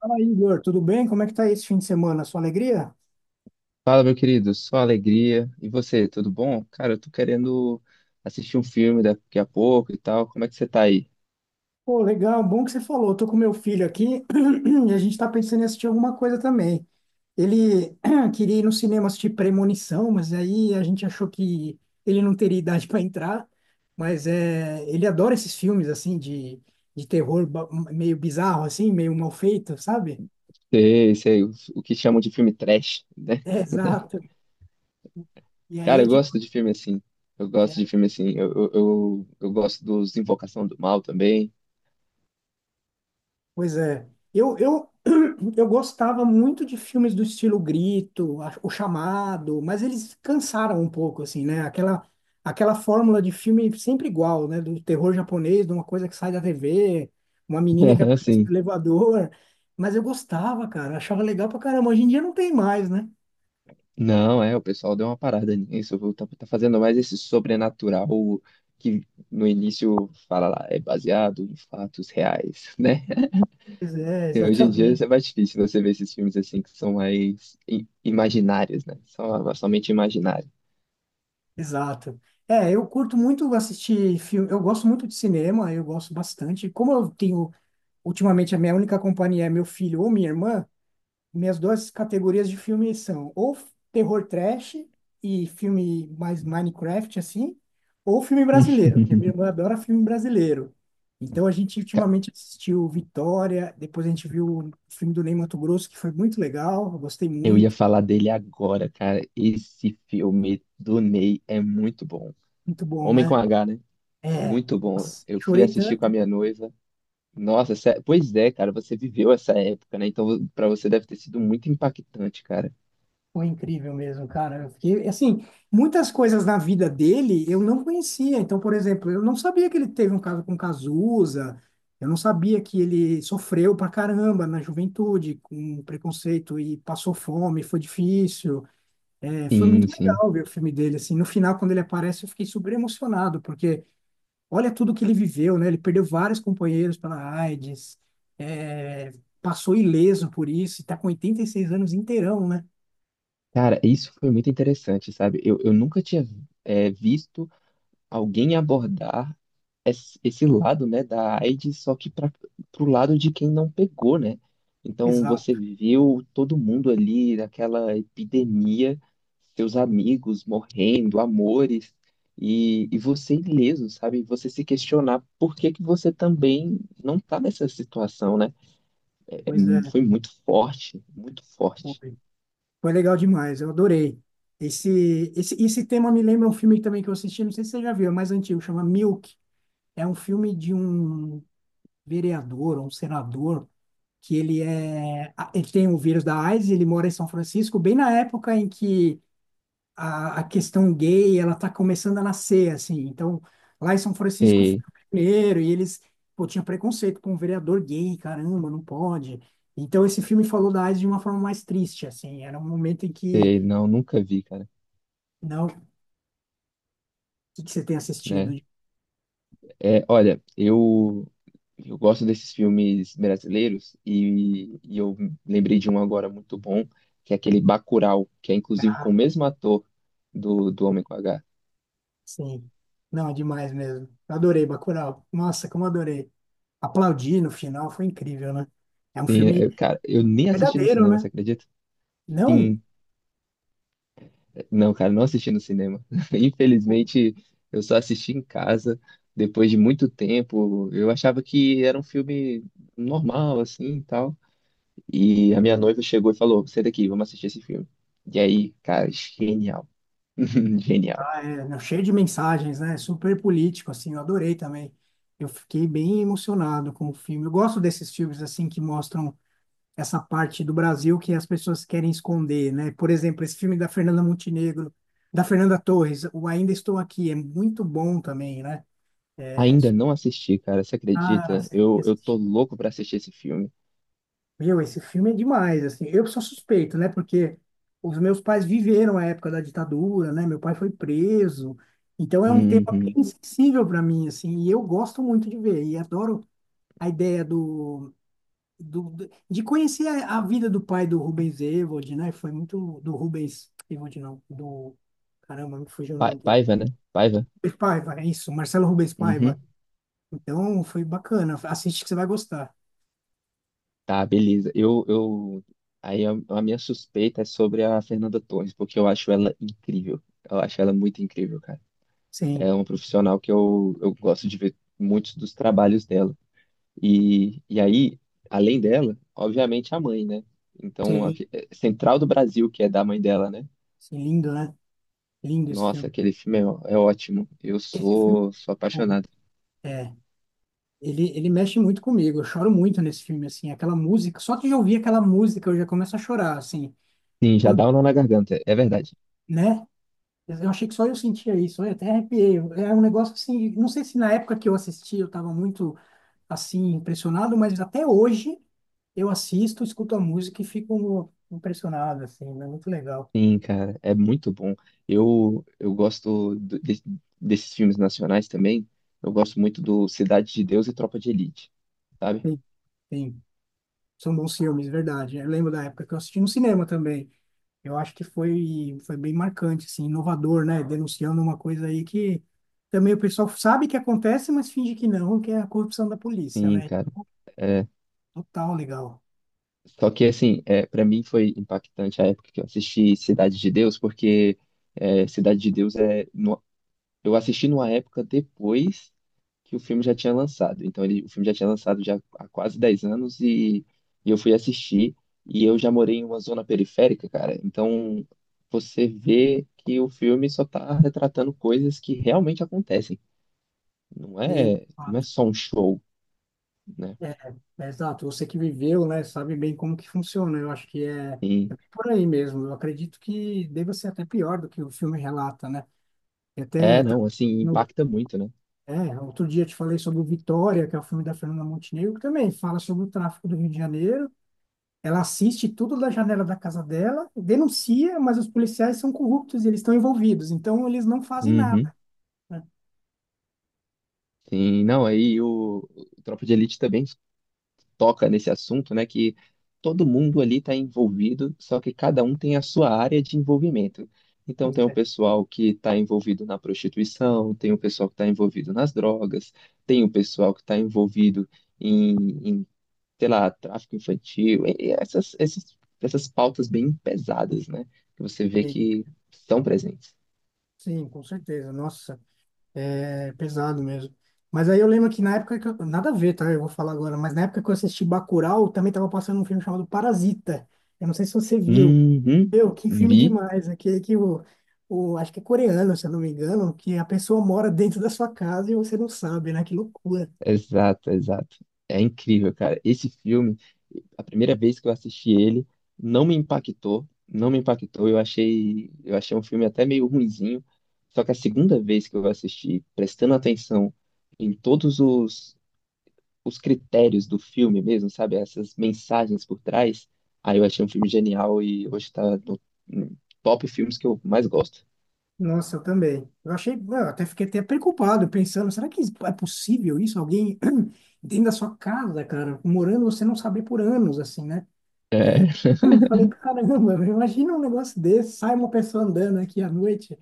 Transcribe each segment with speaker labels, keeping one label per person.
Speaker 1: Fala, aí, Igor, tudo bem? Como é que tá aí esse fim de semana? Sua alegria?
Speaker 2: Fala, meu querido, só alegria. E você, tudo bom? Cara, eu tô querendo assistir um filme daqui a pouco e tal. Como é que você tá aí?
Speaker 1: Pô, legal, bom que você falou. Eu tô com meu filho aqui e a gente tá pensando em assistir alguma coisa também. Ele queria ir no cinema assistir Premonição, mas aí a gente achou que ele não teria idade para entrar. Mas é, ele adora esses filmes assim de terror meio bizarro, assim, meio mal feito, sabe?
Speaker 2: Sei, sei, o que chamam de filme trash, né?
Speaker 1: É, exato. E aí
Speaker 2: Cara, eu
Speaker 1: eu tinha.
Speaker 2: gosto de filme assim. Eu gosto de filme assim. Eu gosto dos Invocação do Mal também.
Speaker 1: Pois é. Eu, eu, eu gostava muito de filmes do estilo Grito, O Chamado, mas eles cansaram um pouco, assim, né? Aquela fórmula de filme sempre igual, né? Do terror japonês, de uma coisa que sai da TV, uma menina que aparece
Speaker 2: Assim.
Speaker 1: no elevador. Mas eu gostava, cara, achava legal pra caramba. Hoje em dia não tem mais, né?
Speaker 2: Não, é, o pessoal deu uma parada nisso. Viu? Tá, tá fazendo mais esse sobrenatural que no início fala lá, é baseado em fatos reais, né?
Speaker 1: Pois é,
Speaker 2: É, hoje em dia
Speaker 1: exatamente.
Speaker 2: é mais difícil você ver esses filmes assim que são mais imaginários, né? Só, somente imaginário.
Speaker 1: Exato. É, eu curto muito assistir filme, eu gosto muito de cinema, eu gosto bastante. Como eu tenho ultimamente, a minha única companhia é meu filho ou minha irmã. Minhas duas categorias de filme são ou terror trash e filme mais Minecraft, assim, ou filme brasileiro, porque minha irmã adora filme brasileiro. Então, a gente
Speaker 2: Ca-
Speaker 1: ultimamente assistiu Vitória, depois a gente viu o filme do Ney Matogrosso, que foi muito legal, eu gostei
Speaker 2: Eu ia
Speaker 1: muito,
Speaker 2: falar dele agora, cara. Esse filme do Ney é muito bom.
Speaker 1: muito bom,
Speaker 2: Homem com
Speaker 1: né?
Speaker 2: H, né?
Speaker 1: É,
Speaker 2: Muito bom.
Speaker 1: nossa,
Speaker 2: Eu fui
Speaker 1: chorei
Speaker 2: assistir com a
Speaker 1: tanto.
Speaker 2: minha noiva. Nossa, pois é, cara, você viveu essa época, né? Então, pra você deve ter sido muito impactante, cara.
Speaker 1: Foi incrível mesmo, cara. Eu fiquei, assim, muitas coisas na vida dele eu não conhecia. Então, por exemplo, eu não sabia que ele teve um caso com Cazuza, eu não sabia que ele sofreu pra caramba na juventude, com preconceito e passou fome, foi difícil. É, foi
Speaker 2: Sim,
Speaker 1: muito
Speaker 2: sim.
Speaker 1: legal ver o filme dele, assim. No final, quando ele aparece, eu fiquei super emocionado, porque olha tudo que ele viveu, né? Ele perdeu vários companheiros pela AIDS, é, passou ileso por isso, e tá com 86 anos inteirão, né?
Speaker 2: Cara, isso foi muito interessante, sabe? Eu nunca tinha, visto alguém abordar esse lado, né, da AIDS, só que para pro lado de quem não pegou, né? Então você
Speaker 1: Exato.
Speaker 2: viu todo mundo ali naquela epidemia, seus amigos morrendo, amores, e você ileso, sabe? Você se questionar por que que você também não tá nessa situação, né?
Speaker 1: Pois é,
Speaker 2: Foi muito forte, muito forte.
Speaker 1: foi. Foi legal demais, eu adorei. Esse tema me lembra um filme também que eu assisti, não sei se você já viu, é mais antigo, chama Milk. É um filme de um vereador, um senador, que ele é, ah, ele tem o vírus da AIDS, ele mora em São Francisco, bem na época em que a questão gay ela está começando a nascer, assim, então lá em São Francisco foi
Speaker 2: Sei,
Speaker 1: o primeiro e eles, pô, tinha preconceito com um vereador gay, caramba, não pode. Então esse filme falou da AIDS de uma forma mais triste, assim, era um momento em
Speaker 2: sei,
Speaker 1: que
Speaker 2: não, nunca vi, cara,
Speaker 1: não. O que você tem assistido?
Speaker 2: né? É, olha, eu gosto desses filmes brasileiros e eu lembrei de um agora muito bom, que é aquele Bacurau, que é inclusive com o
Speaker 1: Ah,
Speaker 2: mesmo ator do Homem com H.
Speaker 1: sim, não é demais mesmo. Eu adorei Bacurau, nossa, como adorei. Aplaudir no final foi incrível, né? É um
Speaker 2: Sim,
Speaker 1: filme
Speaker 2: cara, eu nem assisti no
Speaker 1: verdadeiro,
Speaker 2: cinema, você
Speaker 1: né?
Speaker 2: acredita?
Speaker 1: Não.
Speaker 2: Sim, não, cara, não assisti no cinema. Infelizmente, eu só assisti em casa depois de muito tempo. Eu achava que era um filme normal, assim, e tal. E a minha noiva chegou e falou, sai daqui, vamos assistir esse filme. E aí, cara, genial. Genial.
Speaker 1: Ah, é, não, cheio de mensagens, né? Super político, assim, eu adorei também. Eu fiquei bem emocionado com o filme. Eu gosto desses filmes, assim, que mostram essa parte do Brasil que as pessoas querem esconder, né? Por exemplo, esse filme da Fernanda Montenegro, da Fernanda Torres, o Ainda Estou Aqui, é muito bom também, né?
Speaker 2: Ainda não assisti, cara, você
Speaker 1: Cara,
Speaker 2: acredita?
Speaker 1: você fica
Speaker 2: Eu tô
Speaker 1: assistindo.
Speaker 2: louco pra assistir esse filme.
Speaker 1: Meu, esse filme é demais, assim. Eu sou suspeito, né? Porque os meus pais viveram a época da ditadura, né? Meu pai foi preso. Então é um tema
Speaker 2: Uhum.
Speaker 1: bem sensível para mim, assim, e eu gosto muito de ver e adoro a ideia de conhecer a vida do pai do Rubens Evald, né? Foi muito do Rubens Evald, não, do, caramba, me fugiu o nome dele.
Speaker 2: Paiva, né? Paiva?
Speaker 1: Rubens Paiva, é isso, Marcelo Rubens
Speaker 2: Uhum.
Speaker 1: Paiva. Então foi bacana. Assiste que você vai gostar.
Speaker 2: Tá, beleza. Eu... Aí a minha suspeita é sobre a Fernanda Torres, porque eu acho ela incrível. Eu acho ela muito incrível, cara. É
Speaker 1: Sim,
Speaker 2: uma profissional que eu gosto de ver muitos dos trabalhos dela. E, e aí, além dela, obviamente a mãe, né? Então, a
Speaker 1: sim,
Speaker 2: Central do Brasil, que é da mãe dela, né?
Speaker 1: sim, lindo, né? Lindo esse filme.
Speaker 2: Nossa, aquele filme é, é ótimo. Eu
Speaker 1: Esse filme,
Speaker 2: sou, sou apaixonado.
Speaker 1: é, ele mexe muito comigo. Eu choro muito nesse filme, assim. Aquela música, só de ouvir aquela música eu já começo a chorar, assim,
Speaker 2: Sim, já
Speaker 1: por-
Speaker 2: dá um nó na garganta, é verdade.
Speaker 1: né? Eu achei que só eu sentia isso, eu até arrepiei. É um negócio assim, não sei se na época que eu assisti eu estava muito, assim, impressionado, mas até hoje eu assisto, escuto a música e fico impressionado, assim, é muito legal.
Speaker 2: Sim, cara, é muito bom. Eu gosto desses filmes nacionais também. Eu gosto muito do Cidade de Deus e Tropa de Elite, sabe?
Speaker 1: Sim, sim. São bons filmes, verdade. Eu lembro da época que eu assisti no cinema também. Eu acho que foi, foi bem marcante, assim, inovador, né? Denunciando uma coisa aí que também o pessoal sabe que acontece, mas finge que não, que é a corrupção da polícia,
Speaker 2: Sim,
Speaker 1: né?
Speaker 2: cara. É,
Speaker 1: Total legal.
Speaker 2: só que assim, é, para mim foi impactante a época que eu assisti Cidade de Deus, porque é, Cidade de Deus é, não Eu assisti numa época depois que o filme já tinha lançado. Então, ele, o filme já tinha lançado já há quase 10 anos e eu fui assistir. E eu já morei em uma zona periférica, cara. Então, você vê que o filme só tá retratando coisas que realmente acontecem.
Speaker 1: Sim, de
Speaker 2: Não é
Speaker 1: fato.
Speaker 2: só um show, né?
Speaker 1: É, é exato. Você que viveu, né, sabe bem como que funciona. Eu acho que é, é
Speaker 2: Sim.
Speaker 1: bem por aí mesmo. Eu acredito que deva ser até pior do que o filme relata, né? E
Speaker 2: É,
Speaker 1: até tá
Speaker 2: não, assim,
Speaker 1: no,
Speaker 2: impacta muito, né?
Speaker 1: é, outro dia eu te falei sobre o Vitória, que é o filme da Fernanda Montenegro, que também fala sobre o tráfico do Rio de Janeiro. Ela assiste tudo da janela da casa dela, denuncia, mas os policiais são corruptos e eles estão envolvidos, então eles não fazem nada,
Speaker 2: Uhum.
Speaker 1: né?
Speaker 2: Sim, não, aí o Tropa de Elite também toca nesse assunto, né? Que todo mundo ali está envolvido, só que cada um tem a sua área de envolvimento. Então,
Speaker 1: Pois
Speaker 2: tem o
Speaker 1: é.
Speaker 2: pessoal que está envolvido na prostituição, tem o pessoal que está envolvido nas drogas, tem o pessoal que está envolvido em, em, sei lá, tráfico infantil, e essas, essas pautas bem pesadas, né? Que você vê
Speaker 1: Sim,
Speaker 2: que estão presentes.
Speaker 1: sim, com certeza. Nossa, é pesado mesmo. Mas aí eu lembro que na época que eu, nada a ver, tá? Eu vou falar agora, mas na época que eu assisti Bacurau, também tava passando um filme chamado Parasita. Eu não sei se você viu.
Speaker 2: Uhum,
Speaker 1: Meu, que filme
Speaker 2: vi.
Speaker 1: demais, aquele que o acho que é coreano, se eu não me engano, que a pessoa mora dentro da sua casa e você não sabe, né? Que loucura.
Speaker 2: Exato, exato. É incrível, cara. Esse filme, a primeira vez que eu assisti ele, não me impactou, não me impactou. Eu achei um filme até meio ruinzinho. Só que a segunda vez que eu assisti, prestando atenção em todos os critérios do filme mesmo, sabe? Essas mensagens por trás, aí eu achei um filme genial e hoje tá no top filmes que eu mais gosto.
Speaker 1: Nossa, eu também. Eu achei, eu até fiquei até preocupado, pensando, será que é possível isso? Alguém dentro da sua casa, cara, morando, você não saber por anos, assim, né?
Speaker 2: É,
Speaker 1: Eu falei, caramba, meu, imagina um negócio desse, sai uma pessoa andando aqui à noite.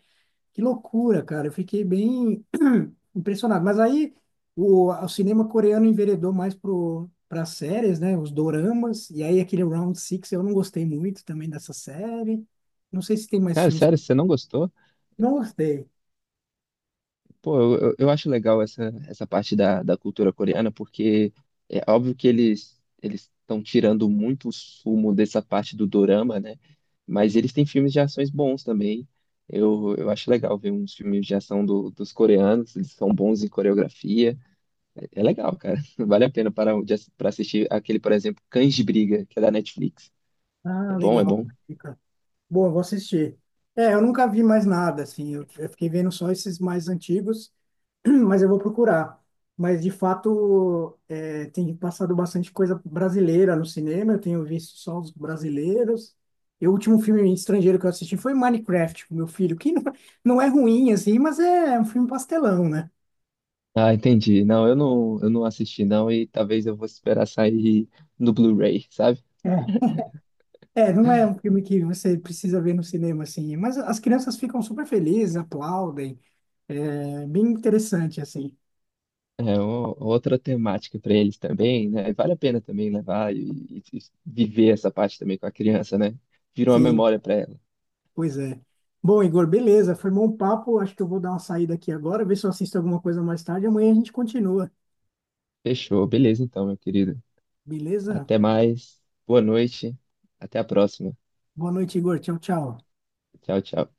Speaker 1: Que loucura, cara. Eu fiquei bem impressionado. Mas aí o cinema coreano enveredou mais pro para séries, né? Os doramas. E aí aquele Round Six eu não gostei muito também dessa série. Não sei se tem mais
Speaker 2: cara,
Speaker 1: filmes.
Speaker 2: sério, você não gostou?
Speaker 1: Não gostei.
Speaker 2: Pô, eu acho legal essa parte da cultura coreana, porque é óbvio que eles estão tirando muito o sumo dessa parte do dorama, né? Mas eles têm filmes de ações bons também. Eu acho legal ver uns filmes de ação dos coreanos, eles são bons em coreografia. É legal, cara. Vale a pena para, para assistir aquele, por exemplo, Cães de Briga, que é da Netflix.
Speaker 1: Ah,
Speaker 2: É bom, é
Speaker 1: legal.
Speaker 2: bom.
Speaker 1: Fica. Boa, vou assistir. É, eu nunca vi mais nada, assim, eu fiquei vendo só esses mais antigos, mas eu vou procurar. Mas, de fato, é, tem passado bastante coisa brasileira no cinema, eu tenho visto só os brasileiros. E o último filme estrangeiro que eu assisti foi Minecraft, com meu filho, que não, não é ruim, assim, mas é um filme pastelão, né?
Speaker 2: Ah, entendi. Não, eu não assisti não e talvez eu vou esperar sair no Blu-ray, sabe?
Speaker 1: É. É, não é um filme que você precisa ver no cinema, assim, mas as crianças ficam super felizes, aplaudem, é bem interessante, assim.
Speaker 2: É outra temática para eles também, né? E vale a pena também levar e viver essa parte também com a criança, né? Virou uma
Speaker 1: Sim,
Speaker 2: memória para ela.
Speaker 1: pois é. Bom, Igor, beleza. Foi bom papo. Acho que eu vou dar uma saída aqui agora, ver se eu assisto alguma coisa mais tarde. Amanhã a gente continua.
Speaker 2: Fechou, beleza então, meu querido.
Speaker 1: Beleza?
Speaker 2: Até mais. Boa noite. Até a próxima.
Speaker 1: Boa noite, Igor. Tchau, tchau.
Speaker 2: Tchau, tchau.